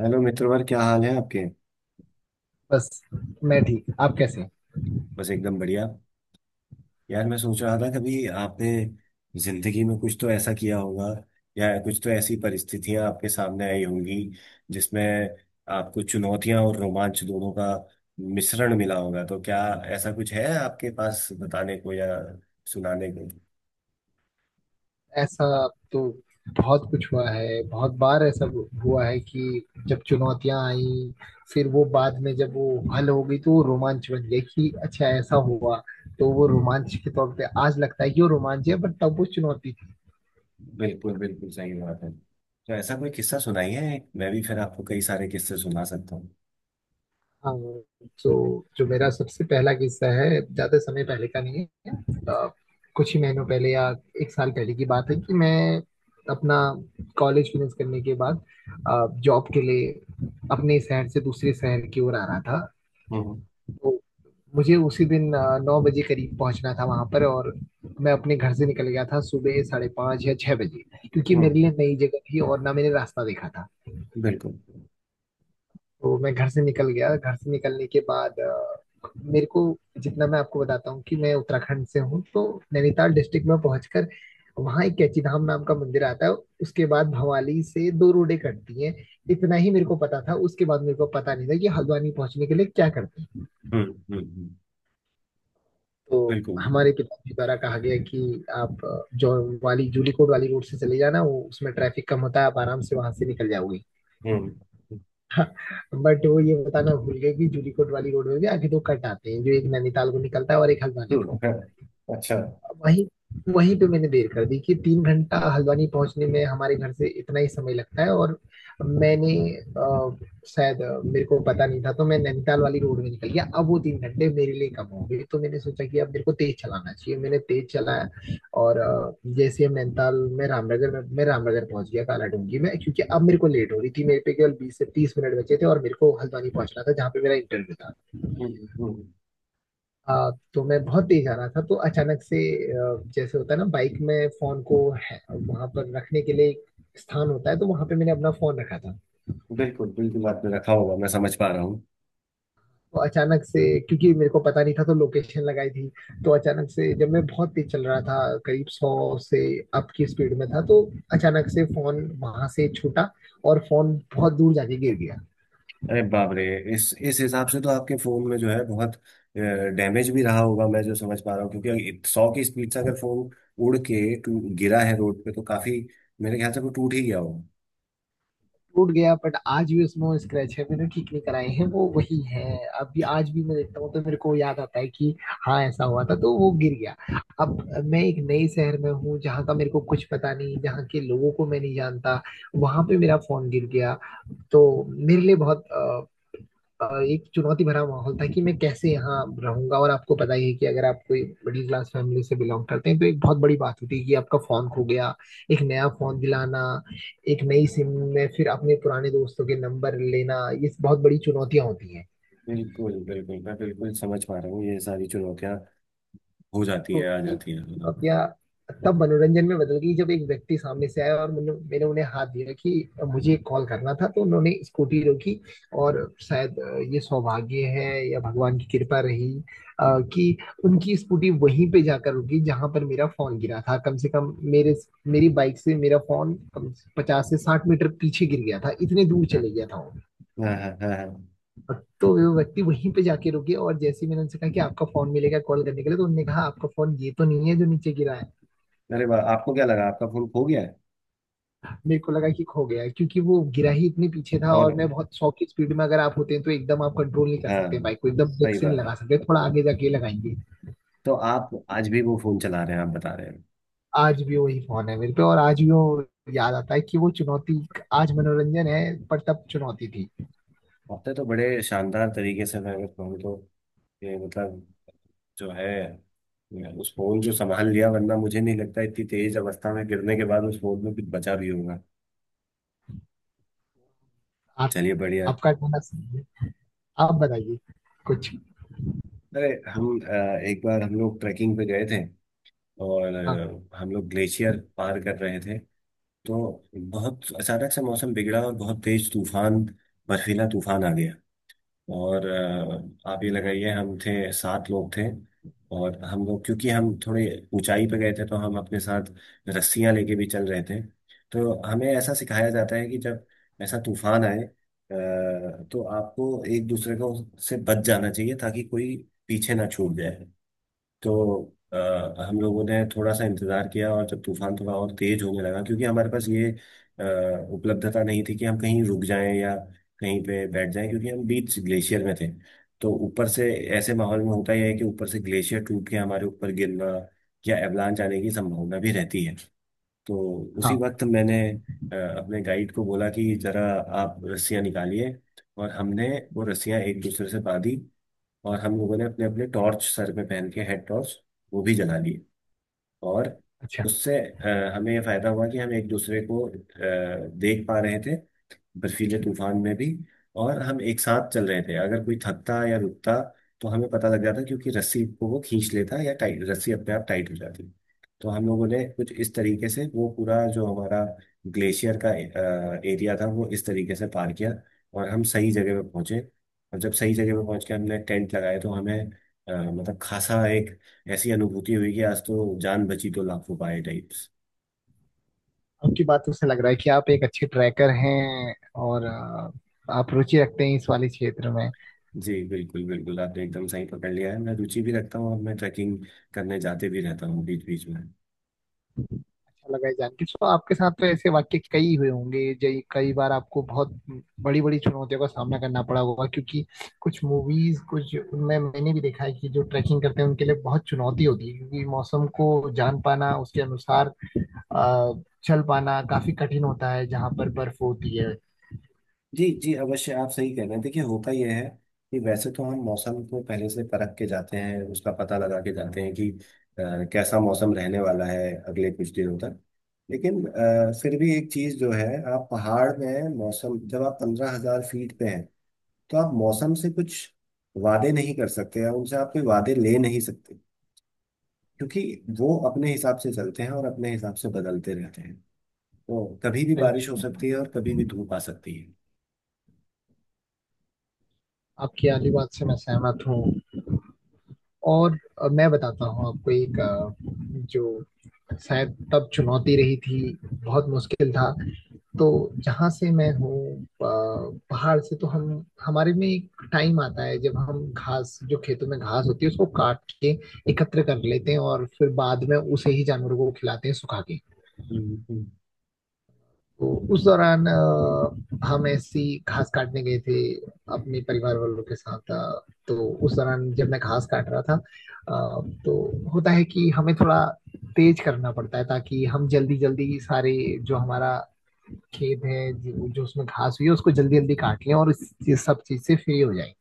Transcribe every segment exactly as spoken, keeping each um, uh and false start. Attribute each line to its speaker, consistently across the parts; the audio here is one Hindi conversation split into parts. Speaker 1: हेलो मित्रवर, क्या हाल है आपके।
Speaker 2: बस। मैं ठीक, आप कैसे हैं?
Speaker 1: बस एकदम बढ़िया। यार, मैं सोच रहा था कभी आपने जिंदगी में कुछ तो ऐसा किया होगा या कुछ तो ऐसी परिस्थितियां आपके सामने आई होंगी जिसमें आपको चुनौतियां और रोमांच दोनों का मिश्रण मिला होगा। तो क्या ऐसा कुछ है आपके पास बताने को या सुनाने को?
Speaker 2: ऐसा तो बहुत कुछ हुआ है। बहुत बार ऐसा हुआ है कि जब चुनौतियां आई, फिर वो बाद में जब वो हल हो गई तो वो रोमांच बन गया कि अच्छा ऐसा हुआ। तो वो रोमांच के तौर पे आज लगता है कि वो रोमांच है, बट तब वो चुनौती।
Speaker 1: बिल्कुल, बिल्कुल सही बात है। तो ऐसा कोई किस्सा सुनाइए, मैं भी फिर आपको कई सारे किस्से सुना सकता हूँ।
Speaker 2: हाँ। तो जो मेरा सबसे पहला किस्सा है, ज्यादा समय पहले का नहीं है। अ, कुछ ही महीनों पहले या एक साल पहले की बात है कि मैं अपना कॉलेज फिनिश करने के बाद जॉब के लिए अपने शहर से दूसरे शहर की ओर आ रहा था।
Speaker 1: हम्म।
Speaker 2: तो मुझे उसी दिन अ, नौ बजे करीब पहुंचना था वहां पर, और मैं अपने घर से निकल गया था सुबह साढ़े पाँच या छह बजे, क्योंकि मेरे
Speaker 1: हम्म।
Speaker 2: लिए नई जगह थी और ना मैंने रास्ता देखा था।
Speaker 1: बिल्कुल।
Speaker 2: तो मैं घर से निकल गया। घर से निकलने के बाद अ, मेरे को, जितना मैं आपको बताता हूँ कि मैं उत्तराखंड से हूँ, तो नैनीताल डिस्ट्रिक्ट में पहुंचकर वहाँ एक कैची धाम नाम का मंदिर आता है। उसके बाद भवाली से दो रोडें कटती हैं। इतना ही मेरे को पता था, उसके बाद मेरे को पता नहीं था कि हल्द्वानी पहुंचने के लिए क्या करते हैं।
Speaker 1: हम्म। हम्म। हम्म।
Speaker 2: तो
Speaker 1: बिल्कुल।
Speaker 2: हमारे पिताजी द्वारा कहा गया कि आप अ, जो वाली जूलीकोट वाली रोड से चले जाना, वो उसमें ट्रैफिक कम होता है, आप आराम से वहां से निकल जाओगे। बट वो ये बताना भूल गए कि जूलीकोट वाली रोड में भी आगे दो कट आते हैं, जो एक नैनीताल को निकलता है और एक हल्द्वानी
Speaker 1: हम्म।
Speaker 2: को।
Speaker 1: है, अच्छा। हम्म।
Speaker 2: वहीं वहीं पे मैंने देर कर दी कि तीन घंटा हल्द्वानी पहुंचने में हमारे घर से इतना ही समय लगता है, और मैंने अ, शायद अ, मेरे को पता नहीं था तो मैं नैनीताल वाली रोड में निकल गया। अब वो तीन घंटे मेरे लिए कम हो गए तो मैंने सोचा कि अब मेरे को तेज चलाना चाहिए, मैंने तेज चलाया। और अ, जैसे हम नैनीताल में, रामनगर में, मैं रामनगर पहुंच गया, कालाडूंगी में, क्योंकि अब मेरे को लेट हो रही थी, मेरे पे केवल बीस से तीस मिनट बचे थे और मेरे को हल्द्वानी पहुंचना था जहाँ पे मेरा इंटरव्यू था।
Speaker 1: हम्म। हम्म।
Speaker 2: आ, तो मैं बहुत तेज आ रहा था। तो अचानक से आ, जैसे होता है ना, बाइक में फोन को है, वहां पर रखने के लिए एक स्थान होता है, तो वहां पे मैंने अपना फोन रखा था।
Speaker 1: बिल्कुल, बिल्कुल आपने रखा होगा, मैं समझ पा रहा हूँ।
Speaker 2: तो अचानक से, क्योंकि मेरे को पता नहीं था तो लोकेशन लगाई थी, तो अचानक से जब मैं बहुत तेज चल रहा था, करीब सौ से अप की स्पीड में था, तो अचानक से फोन वहां से छूटा और फोन बहुत दूर जाके गिर गया।
Speaker 1: अरे बाप रे! इस इस हिसाब से तो आपके फोन में जो है बहुत डैमेज भी रहा होगा, मैं जो समझ पा रहा हूँ। क्योंकि सौ की स्पीड से अगर फोन उड़ के टू- गिरा है रोड पे, तो काफी, मेरे ख्याल से वो टूट ही गया होगा।
Speaker 2: टूट गया, बट आज भी उसमें वो स्क्रैच है, मैंने ठीक नहीं कराए हैं, वो वही है। अभी आज भी मैं देखता हूँ तो मेरे को याद आता है कि हाँ, ऐसा हुआ था। तो वो गिर गया। अब मैं एक नए शहर में हूँ जहाँ का मेरे को कुछ पता नहीं, जहाँ के लोगों को मैं नहीं जानता, वहां पे मेरा फोन गिर गया। तो मेरे लिए बहुत अ, अ, एक चुनौती भरा माहौल था कि मैं कैसे यहाँ रहूंगा। और आपको पता ही है कि अगर आप कोई मिडिल क्लास फैमिली से बिलोंग करते हैं तो एक बहुत बड़ी बात होती है कि आपका फोन खो गया, एक नया फोन दिलाना, एक नई सिम में फिर अपने पुराने दोस्तों के नंबर लेना, ये बहुत बड़ी चुनौतियां होती हैं।
Speaker 1: बिल्कुल, बिल्कुल, मैं बिल्कुल समझ पा रहा हूँ ये सारी चुनौतियां हो जाती है,
Speaker 2: तो
Speaker 1: आ
Speaker 2: ये
Speaker 1: जाती है। हम्म।
Speaker 2: बातियां तब मनोरंजन में बदल गई जब एक व्यक्ति सामने से आया और मैंने मैंने उन्हें हाथ दिया कि मुझे कॉल करना था, तो उन्होंने स्कूटी रोकी। और शायद अ, ये सौभाग्य है या भगवान की कृपा रही, अ, कि उनकी स्कूटी वहीं पे जाकर रुकी जहां पर मेरा फोन गिरा था। कम से कम मेरे मेरी बाइक से मेरा फोन कम से पचास से साठ मीटर पीछे गिर गया था, इतने दूर चले गया था वो।
Speaker 1: हाँ, हाँ, हाँ, हाँ।
Speaker 2: तो वो व्यक्ति वहीं पे जाके रुके और जैसे ही मैंने उनसे कहा कि आपका फोन मिलेगा कॉल करने के लिए, तो उन्होंने कहा आपका फोन ये तो नहीं है जो नीचे गिरा है।
Speaker 1: अरे वाह! आपको क्या लगा आपका फोन खो गया है?
Speaker 2: मेरे को लगा कि खो गया है, क्योंकि वो गिरा ही इतने पीछे था, और
Speaker 1: और
Speaker 2: मैं बहुत सौ की स्पीड में अगर आप होते हैं तो एकदम आप कंट्रोल नहीं कर
Speaker 1: हाँ,
Speaker 2: सकते बाइक को, एकदम ब्रेक
Speaker 1: सही
Speaker 2: से नहीं
Speaker 1: बात।
Speaker 2: लगा सकते, थोड़ा आगे जाके लगाएंगे।
Speaker 1: तो आप आज भी वो फोन चला रहे हैं, आप बता रहे हैं।
Speaker 2: आज भी वही फोन है मेरे पे और आज भी वो याद आता है कि वो चुनौती आज मनोरंजन है, पर तब चुनौती थी।
Speaker 1: आपने तो बड़े शानदार तरीके से, मैं अगर कहूँ तो, ये मतलब, जो है, मैं उस फोन जो संभाल लिया, वरना मुझे नहीं लगता इतनी तेज अवस्था में गिरने के बाद उस फोन में कुछ बचा भी होगा।
Speaker 2: आप
Speaker 1: चलिए, बढ़िया।
Speaker 2: आपका कहना सही है। आप बताइए कुछ।
Speaker 1: अरे, हम अ, एक बार हम लोग ट्रैकिंग पे गए थे, और
Speaker 2: हाँ।
Speaker 1: अ, हम लोग ग्लेशियर पार कर रहे थे। तो बहुत अचानक से मौसम बिगड़ा और बहुत तेज तूफान, बर्फीला तूफान आ गया। और अ, आप ये लगाइए, हम थे सात लोग थे। और हम लोग, क्योंकि हम थोड़े ऊंचाई पे गए थे, तो हम अपने साथ रस्सियां लेके भी चल रहे थे। तो हमें ऐसा सिखाया जाता है कि जब ऐसा तूफान आए अ, तो आपको एक दूसरे को से बच जाना चाहिए ताकि कोई पीछे ना छूट जाए। तो अ, हम लोगों ने थोड़ा सा इंतजार किया, और जब तूफान थोड़ा और तेज होने लगा, क्योंकि हमारे पास ये अ, उपलब्धता नहीं थी कि हम कहीं रुक जाएं या कहीं पे बैठ जाएं, क्योंकि हम बीच ग्लेशियर में थे। तो ऊपर से ऐसे माहौल में होता यह है कि ऊपर से ग्लेशियर टूट के हमारे ऊपर गिरना या एवलांच आने की संभावना भी रहती है। तो उसी
Speaker 2: हाँ।
Speaker 1: वक्त मैंने अ, अपने गाइड को बोला कि जरा आप रस्सियां निकालिए। और हमने वो रस्सियां एक दूसरे से बांधी। और हम लोगों ने अपने अपने टॉर्च सर पे पहन के, हेड टॉर्च, वो भी जला लिए। और
Speaker 2: अच्छा।
Speaker 1: उससे अ, हमें ये फायदा हुआ कि हम एक दूसरे को अ, देख पा रहे थे बर्फीले तूफान में भी। और हम एक साथ चल रहे थे, अगर कोई थकता या रुकता तो हमें पता लग जाता, क्योंकि रस्सी को वो खींच लेता या टाइट, रस्सी अपने आप टाइट हो जाती। तो हम लोगों ने कुछ इस तरीके से वो पूरा जो हमारा ग्लेशियर का एरिया था, वो इस तरीके से पार किया, और हम सही जगह पे पहुंचे। और जब सही जगह पे पहुंच के हमने टेंट लगाए, तो हमें अ, मतलब खासा एक ऐसी अनुभूति हुई कि आज तो जान बची तो लाखों पाए टाइप्स।
Speaker 2: आपकी बातों से लग रहा है कि आप एक अच्छे ट्रैकर हैं, और अ, आप रुचि रखते हैं इस वाले क्षेत्र में।
Speaker 1: जी, बिल्कुल बिल्कुल आपने एकदम सही पकड़ लिया है। मैं रुचि भी रखता हूँ और मैं ट्रैकिंग करने जाते भी रहता हूँ बीच बीच में।
Speaker 2: अच्छा लगा ये जान के। सो आपके साथ तो ऐसे वाक्य कई हुए होंगे। जय, कई बार आपको बहुत बड़ी बड़ी चुनौतियों का सामना करना पड़ा होगा क्योंकि कुछ मूवीज, कुछ उनमें मैंने भी देखा है कि जो ट्रैकिंग करते हैं उनके लिए बहुत चुनौती होती है क्योंकि मौसम को जान पाना, उसके अनुसार अ, चल पाना काफी कठिन होता है जहाँ पर बर्फ होती है।
Speaker 1: जी जी, अवश्य आप सही कह रहे हैं। देखिए होता यह है कि वैसे तो हम मौसम को पहले से परख के जाते हैं, उसका पता लगा के जाते हैं कि अ, कैसा मौसम रहने वाला है अगले कुछ दिनों तक। लेकिन अ, फिर भी एक चीज़ जो है, आप पहाड़ में मौसम, जब आप पंद्रह हजार फीट पे हैं, तो आप मौसम से कुछ वादे नहीं कर सकते या उनसे आप कोई वादे ले नहीं सकते। क्योंकि वो अपने हिसाब से चलते हैं और अपने हिसाब से बदलते रहते हैं। तो कभी भी बारिश हो सकती है और कभी भी धूप आ सकती है।
Speaker 2: आपकी आली बात से मैं सहमत हूँ। और अ, मैं बताता हूँ आपको एक अ, जो शायद तब चुनौती रही थी, बहुत मुश्किल था। तो जहाँ से मैं हूँ अ, पहाड़ से, तो हम हमारे में एक टाइम आता है जब हम घास, जो खेतों में घास होती है, उसको काट के एकत्र कर लेते हैं और फिर बाद में उसे ही जानवरों को खिलाते हैं सुखा के।
Speaker 1: हम्म। हम्म।
Speaker 2: तो उस दौरान अ, हम ऐसी घास काटने गए थे अपने परिवार वालों के साथ। अ, तो उस दौरान जब मैं घास काट रहा था, अ, तो होता है कि हमें थोड़ा तेज करना पड़ता है ताकि हम जल्दी जल्दी सारे जो हमारा खेत है, जो, जो उसमें घास हुई है, उसको जल्दी जल्दी काट लें और इस, ये सब चीज से फ्री हो जाए।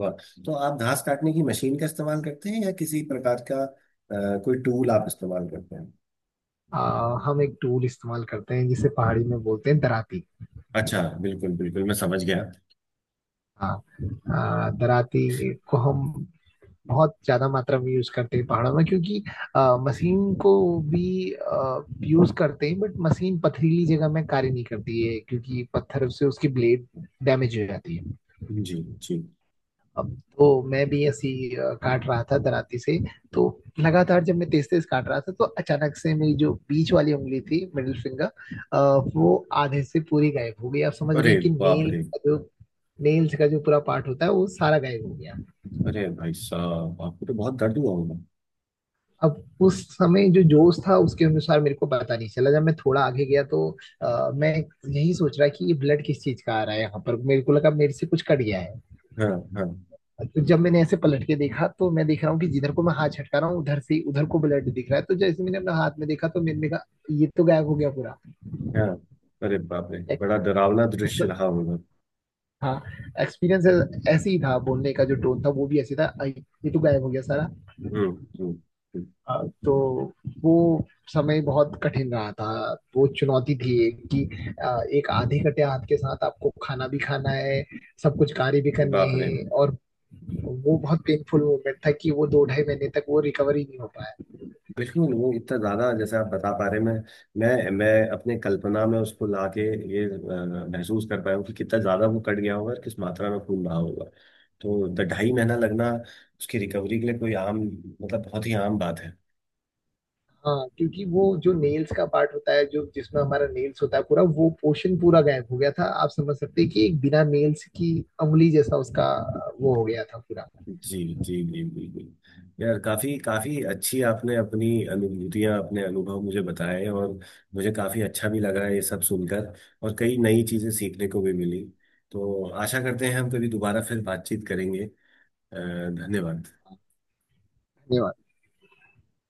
Speaker 1: वाह! तो आप घास काटने की मशीन का इस्तेमाल करते हैं या किसी प्रकार का अ, कोई टूल आप इस्तेमाल करते हैं?
Speaker 2: आ, हम एक टूल इस्तेमाल करते हैं जिसे पहाड़ी में बोलते हैं दराती।
Speaker 1: अच्छा, बिल्कुल बिल्कुल, मैं समझ गया।
Speaker 2: हाँ। आ, दराती को हम बहुत ज्यादा मात्रा में यूज करते हैं पहाड़ों में, क्योंकि आ, मशीन को भी यूज करते हैं, बट मशीन पथरीली जगह में कार्य नहीं करती है क्योंकि पत्थर से उसकी ब्लेड डैमेज हो जाती है।
Speaker 1: जी। जी।
Speaker 2: अब तो मैं भी ऐसी अ, काट रहा था दराती से। तो लगातार जब मैं तेज तेज काट रहा था तो अचानक से मेरी जो बीच वाली उंगली थी, मिडिल फिंगर, वो आधे से पूरी गायब हो गई। आप समझ रहे
Speaker 1: अरे
Speaker 2: हैं कि
Speaker 1: बाप
Speaker 2: नेल
Speaker 1: रे!
Speaker 2: का जो नेल्स का जो पूरा पार्ट होता है वो सारा गायब हो गया।
Speaker 1: अरे भाई साहब, आपको तो बहुत दर्द हुआ होगा।
Speaker 2: अब उस समय जो जोश था उसके अनुसार मेरे को पता नहीं चला। जब मैं थोड़ा आगे गया तो अ, मैं यही सोच रहा कि ये ब्लड किस चीज का आ रहा है यहाँ पर, मेरे को लगा मेरे से कुछ कट गया है।
Speaker 1: हाँ। हाँ।
Speaker 2: तो जब मैंने ऐसे पलट के देखा तो मैं देख रहा हूँ कि जिधर को मैं हाथ छटका रहा हूँ उधर से उधर को ब्लड दिख रहा है। तो जैसे मैंने अपना हाथ में देखा तो मैंने कहा, ये तो गायब हो गया पूरा।
Speaker 1: हाँ। अरे बाप रे,
Speaker 2: एक-
Speaker 1: बड़ा डरावना दृश्य
Speaker 2: मतलब,
Speaker 1: रहा होगा।
Speaker 2: हाँ, एक्सपीरियंस ऐसे ही था। बोलने का जो टोन था वो भी ऐसे था, आई, ये तो गायब हो गया सारा।
Speaker 1: हम्म। हम्म। हम्म।
Speaker 2: अ, तो वो समय बहुत कठिन रहा था। वो चुनौती थी एक कि अ, एक आधे कटे हाथ के साथ आपको खाना भी खाना है, सब कुछ कार्य भी करने
Speaker 1: बाप रे।
Speaker 2: हैं। और वो बहुत पेनफुल मोमेंट था कि वो दो ढाई महीने तक वो रिकवरी नहीं हो पाया।
Speaker 1: बिल्कुल, वो इतना ज़्यादा जैसे आप बता पा रहे हैं, मैं मैं मैं अपने कल्पना में उसको लाके ये अ, महसूस कर पाया हूँ कि कितना ज़्यादा वो कट गया होगा और किस मात्रा में खून रहा होगा। तो द- ढाई महीना लगना उसकी रिकवरी के लिए कोई आम, मतलब बहुत ही आम बात है।
Speaker 2: हाँ, क्योंकि वो जो नेल्स का पार्ट होता है जो, जिसमें हमारा नेल्स होता है पूरा, वो पोर्शन पूरा गायब हो गया था। आप समझ सकते हैं कि एक बिना नेल्स की उंगली जैसा उसका वो हो गया था पूरा।
Speaker 1: जी। जी। जी, बिल्कुल यार, काफ़ी काफ़ी अच्छी आपने अपनी अनुभूतियाँ, अपने अनुभव मुझे बताए, और मुझे काफ़ी अच्छा भी लगा ये सब सुनकर, और कई नई चीज़ें सीखने को भी मिली। तो आशा करते हैं हम कभी दोबारा फिर बातचीत करेंगे। अ, धन्यवाद।
Speaker 2: धन्यवाद।